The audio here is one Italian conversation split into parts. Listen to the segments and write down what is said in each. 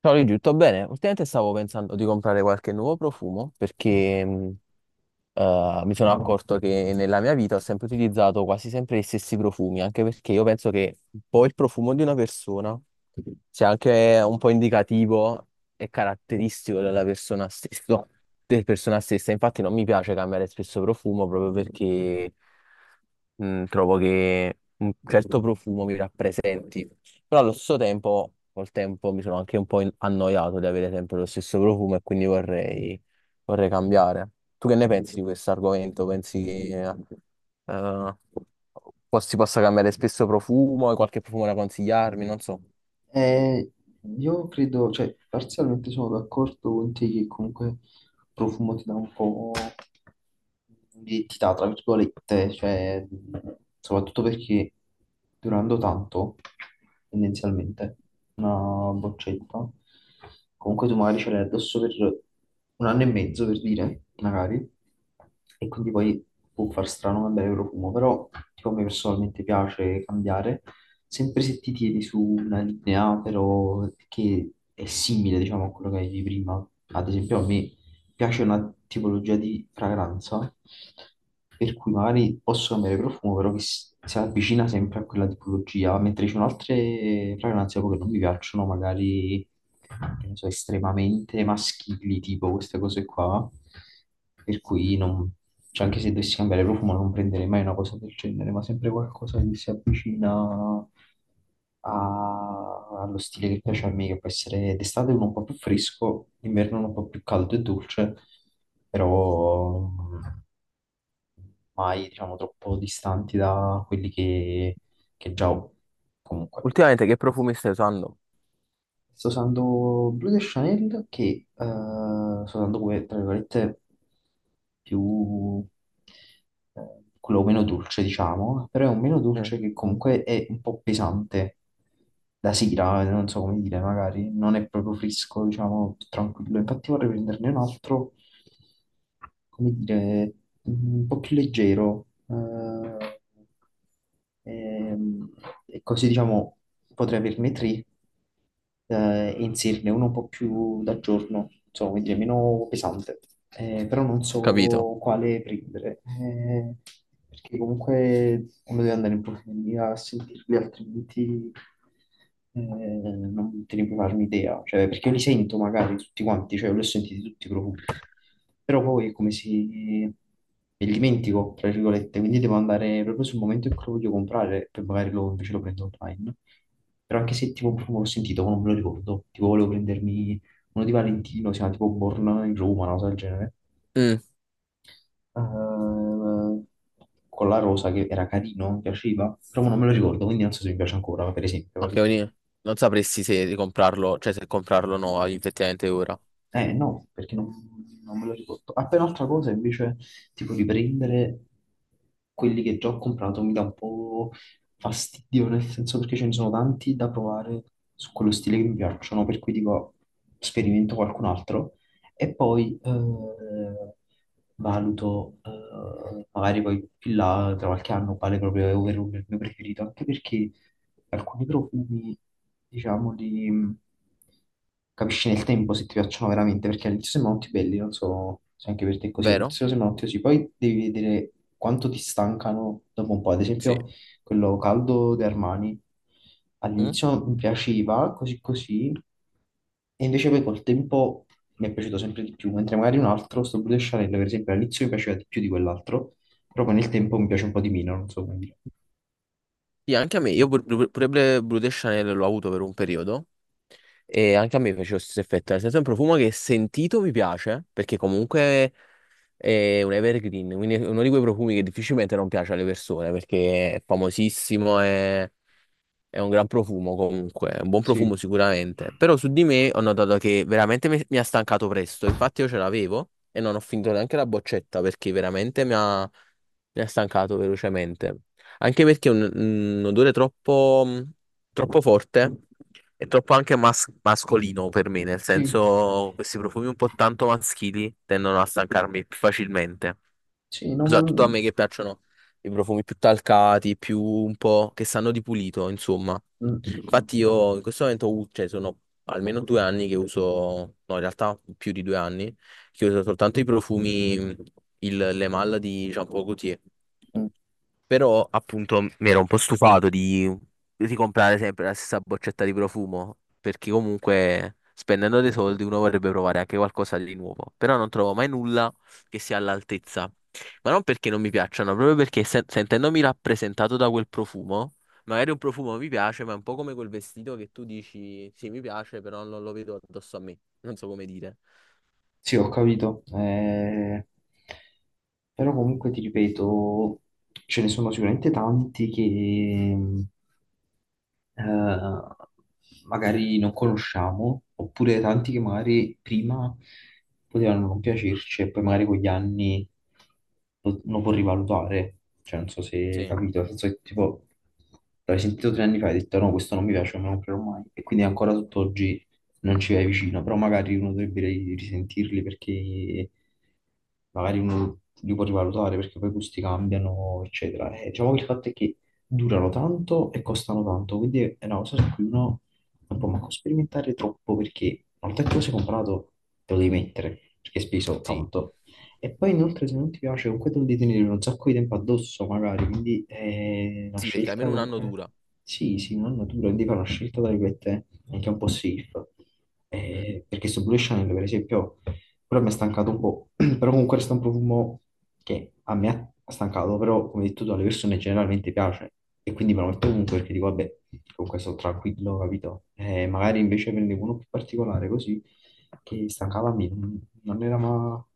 Ciao Luigi, tutto bene? Ultimamente stavo pensando di comprare qualche nuovo profumo perché mi sono No. accorto che nella mia vita ho sempre utilizzato quasi sempre gli stessi profumi, anche perché io penso che un po' il profumo di una persona sia anche un po' indicativo e caratteristico della persona stessa. Infatti non mi piace cambiare spesso profumo proprio perché trovo che un certo profumo mi rappresenti. Però allo stesso tempo, col tempo mi sono anche un po' annoiato di avere sempre lo stesso profumo e quindi vorrei cambiare. Tu che ne pensi di questo argomento? Pensi che eh, si possa cambiare spesso profumo? Hai qualche profumo da consigliarmi? Non so. Eh, io credo, cioè, parzialmente sono d'accordo con te che comunque profumo ti dà un po' l'identità, tra virgolette, cioè, soprattutto perché durando tanto, tendenzialmente, una boccetta, comunque tu magari ce l'hai addosso per un anno e mezzo, per dire, magari, e quindi poi può far strano cambiare il profumo, però tipo, a me personalmente piace cambiare, sempre se ti tieni su una linea, però che è simile, diciamo, a quello che avevi prima. Ad esempio, a me piace una tipologia di fragranza, per cui magari posso cambiare profumo, però che si avvicina sempre a quella tipologia, mentre ci sono altre fragranze proprio che non mi piacciono, magari che ne so, estremamente maschili, tipo queste cose qua, per cui non... cioè, anche se dovessi cambiare profumo non prenderei mai una cosa del genere, ma sempre qualcosa che si avvicina allo stile che piace a me, che può essere d'estate uno un po' più fresco, d'inverno uno un po' più caldo e dolce, però mai, diciamo, troppo distanti da quelli che già ho comunque. Ultimamente che profumi stai usando? Sto usando Blue de Chanel che sto usando come, tra virgolette, più, quello meno dolce, diciamo, però è un meno Mm. dolce che comunque è un po' pesante da sera, non so come dire, magari non è proprio fresco, diciamo, tranquillo. Infatti vorrei prenderne un altro, come dire, un po' più leggero. Ehm, E così diciamo potrei averne tre e inserirne uno un po' più da giorno, insomma, quindi è meno pesante. Però non Capito. so quale prendere, perché comunque uno deve andare in profondità a sentirli, altrimenti non te ne puoi farmi idea, cioè, perché io li sento magari tutti quanti, cioè, li ho sentiti tutti i profumi, però poi è come se me li dimentico, tra virgolette, quindi devo andare proprio sul momento in cui lo voglio comprare, poi magari lo, invece lo prendo online, però anche se tipo un profumo l'ho sentito, ma non me lo ricordo, tipo volevo prendermi uno di Valentino, si chiama tipo Born in Roma, una cosa del genere, Mm, Eh, con la rosa che era carino, mi piaceva, però non me lo ricordo, quindi non so se mi piace ancora, per esempio, ok, capito? quindi non sapresti se ricomprarlo, cioè se comprarlo o no effettivamente ora. Eh no, perché non me lo ricordo. Appena un'altra cosa invece, tipo riprendere quelli che già ho comprato mi dà un po' fastidio, nel senso perché ce ne sono tanti da provare su quello stile che mi piacciono, per cui dico sperimento qualcun altro e poi valuto, magari poi più là tra qualche anno quale proprio è ovvero il mio preferito, anche perché alcuni profumi, diciamo, di... capisci nel tempo se ti piacciono veramente, perché all'inizio sembrano tutti belli, non so se anche per te è così, Vero? all'inizio sembrano tutti così, poi devi vedere quanto ti stancano dopo un po', ad Sì. esempio quello caldo di Armani, Mm? all'inizio mi piaceva, così così, e invece poi col tempo mi è piaciuto sempre di più, mentre magari un altro, sto Blue de Chanel, per esempio, all'inizio mi piaceva di più di quell'altro, però poi nel tempo mi piace un po' di meno, non so come dire. Sì, anche a me. Io pure Blue de Chanel l'ho avuto per un periodo. E anche a me faceva lo stesso effetto, nel senso è un profumo che sentito mi piace, perché comunque è un evergreen, quindi è uno di quei profumi che difficilmente non piace alle persone perché è famosissimo e è un gran profumo comunque, è un buon profumo Sì, sicuramente. Però su di me ho notato che veramente mi ha stancato presto. Infatti io ce l'avevo e non ho finito neanche la boccetta perché veramente mi ha stancato velocemente. Anche perché è un odore troppo, troppo forte e troppo anche mascolino per me, nel sì. senso questi profumi un po' tanto maschili tendono a stancarmi più facilmente. Sì, no, ma... Soprattutto a mm, me che piacciono i profumi più talcati, più un po' che sanno di pulito, insomma. mm, Infatti io in questo momento, cioè sono almeno 2 anni che uso, no in realtà più di 2 anni, che uso soltanto i profumi, il, le malle di Jean Paul Gaultier. mm. Però appunto mi ero un po' stufato di ricomprare sempre la stessa boccetta di profumo, perché comunque spendendo dei soldi uno vorrebbe provare anche qualcosa di nuovo, però non trovo mai nulla che sia all'altezza. Ma non perché non mi piacciono, proprio perché sentendomi rappresentato da quel profumo, magari un profumo mi piace, ma è un po' come quel vestito che tu dici, sì, mi piace, però non lo vedo addosso a me. Non so come dire. Sì, ho capito. Però comunque ti ripeto, ce ne sono sicuramente tanti che, eh, magari non conosciamo, oppure tanti che magari prima potevano non piacerci e poi magari con gli anni lo può rivalutare. Cioè, non so se hai Sì, capito, nel senso che tipo l'hai sentito 3 anni fa e hai detto no, questo non mi piace, non me lo comprerò mai. E quindi ancora tutt'oggi non ci vai vicino, però magari uno dovrebbe risentirli perché magari uno li può rivalutare perché poi i gusti cambiano, eccetera. E diciamo che il fatto è che durano tanto e costano tanto, quindi è una cosa su cui uno non può manco sperimentare troppo perché una volta che lo sei comprato te lo devi mettere perché hai speso sì, tanto. E poi inoltre se non ti piace comunque te lo devi tenere un sacco di tempo addosso magari, quindi è una sì, perché scelta almeno un anno comunque, dura. sì, sì, non natura, quindi fare una scelta tra virgolette anche un po' safe. Mm. Perché su Blue Channel per esempio quello mi ha stancato un po', però comunque resta un profumo che a me ha stancato, però come hai detto tu alle persone generalmente piace e quindi me lo metto comunque perché dico vabbè, comunque sono tranquillo, capito? Magari invece prendevo uno più particolare così che stancava me, non era ma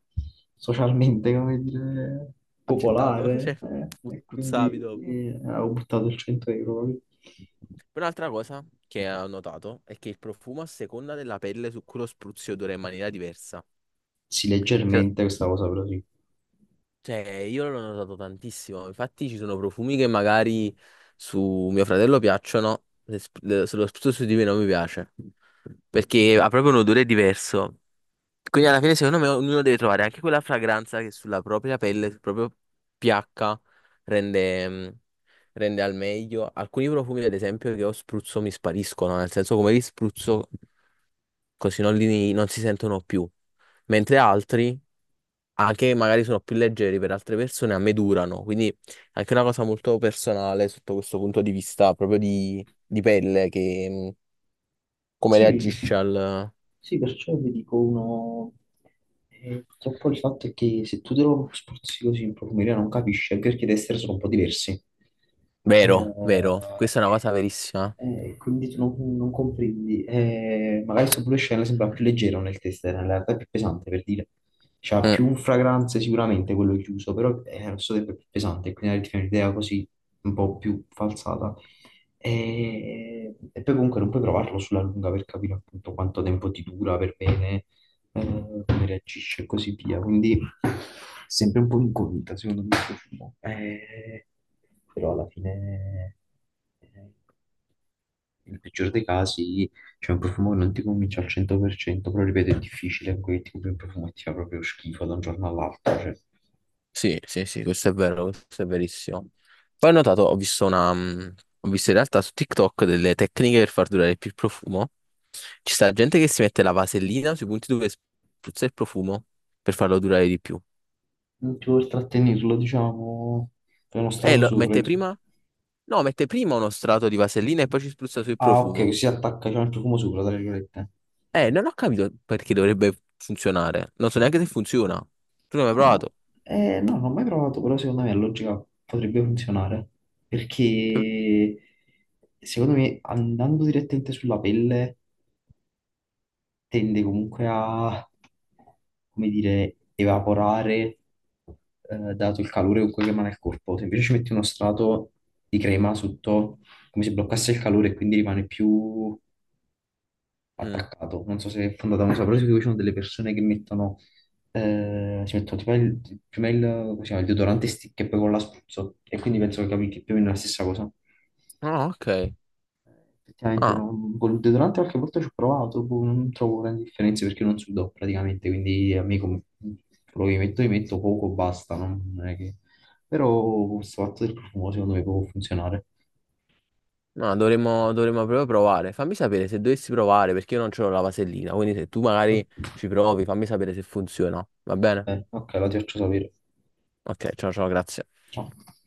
socialmente, come dire, Accettato, popolare cioè, e puzzavi quindi dopo. Avevo buttato il 100 euro, capito? Poi un'altra cosa che ho notato è che il profumo a seconda della pelle su cui lo spruzzi odora in maniera diversa. Sì, Cioè, leggermente questa cosa però sì. Cioè, io l'ho notato tantissimo. Infatti, ci sono profumi che magari su mio fratello piacciono, se lo spruzzo su di me non mi piace. Perché ha proprio un odore diverso. Quindi, alla fine, secondo me, ognuno deve trovare anche quella fragranza che sulla propria pelle, sul proprio pH, rende, mm, rende al meglio. Alcuni profumi, ad esempio, che ho spruzzo mi spariscono, nel senso, come li spruzzo, così non, li, non si sentono più. Mentre altri anche magari sono più leggeri per altre persone, a me durano, quindi è anche una cosa molto personale sotto questo punto di vista, proprio di, pelle, che come Sì, reagisce al... sì, perciò vi dico uno. Purtroppo il fatto è che se tu te lo spruzzi così in profumeria non capisci, anche perché i tester sono un po' diversi. Eh, Vero, vero, questa è una cosa verissima. Quindi tu non comprendi. Magari sto pure scena sembra più leggero nel tester, in realtà è più pesante per dire. C'ha Mm, più fragranze sicuramente quello chiuso, però è allo stesso tempo è più pesante, quindi ti fai un'idea così un po' più falsata. E poi comunque non puoi provarlo sulla lunga per capire appunto quanto tempo ti dura per bene, come reagisce e così via. Quindi è sempre un po' incognita, secondo me, questo film. Però alla fine, eh, nel peggior dei casi, c'è un profumo che non ti convince al 100%, però ripeto, è difficile, quel tipo di profumo e ti fa proprio schifo da un giorno all'altro, cioè sì, sì, sì, questo è vero, questo è verissimo. Poi ho notato, ho visto in realtà su TikTok delle tecniche per far durare più il profumo. Ci sta gente che si mette la vasellina sui punti dove spruzza il profumo per farlo durare di più. non ti vuoi trattenerlo, diciamo, è uno E strato lo sopra, mette insomma. prima. No, mette prima uno strato di vasellina e poi ci spruzza sul Ah, ok, così profumo. si attacca cioè, il profumo sopra, tra virgolette. Non ho capito perché dovrebbe funzionare. Non so neanche se funziona. Tu non hai mai No, provato? No, non l'ho mai provato, però secondo me la logica potrebbe funzionare. Cioè, Perché secondo me andando direttamente sulla pelle tende comunque a, come dire, evaporare, dato il calore con cui rimane il corpo. Se invece ci metti uno strato di crema sotto, come se bloccasse il calore e quindi rimane più mm. attaccato. Non so se è fondata una cosa, però sì, ci sono delle persone che mettono, si mettono prima il, come si chiama, il deodorante stick e poi con la spruzzo. E quindi penso che capi che più o meno è la stessa cosa. Ah, ok. Effettivamente Ah, no, con il deodorante qualche volta ci ho provato, boh, non trovo grandi differenze perché non sudo praticamente, quindi a me come, quello che metto, mi metto poco, basta, non è che... Però questo fatto del profumo secondo me può funzionare. no, dovremmo proprio provare. Fammi sapere se dovessi provare, perché io non c'ho la vasellina. Quindi se tu magari Vabbè, ci provi, fammi sapere se funziona. Va bene? ok, la ti faccio sapere. Ok, ciao ciao, grazie. Ciao.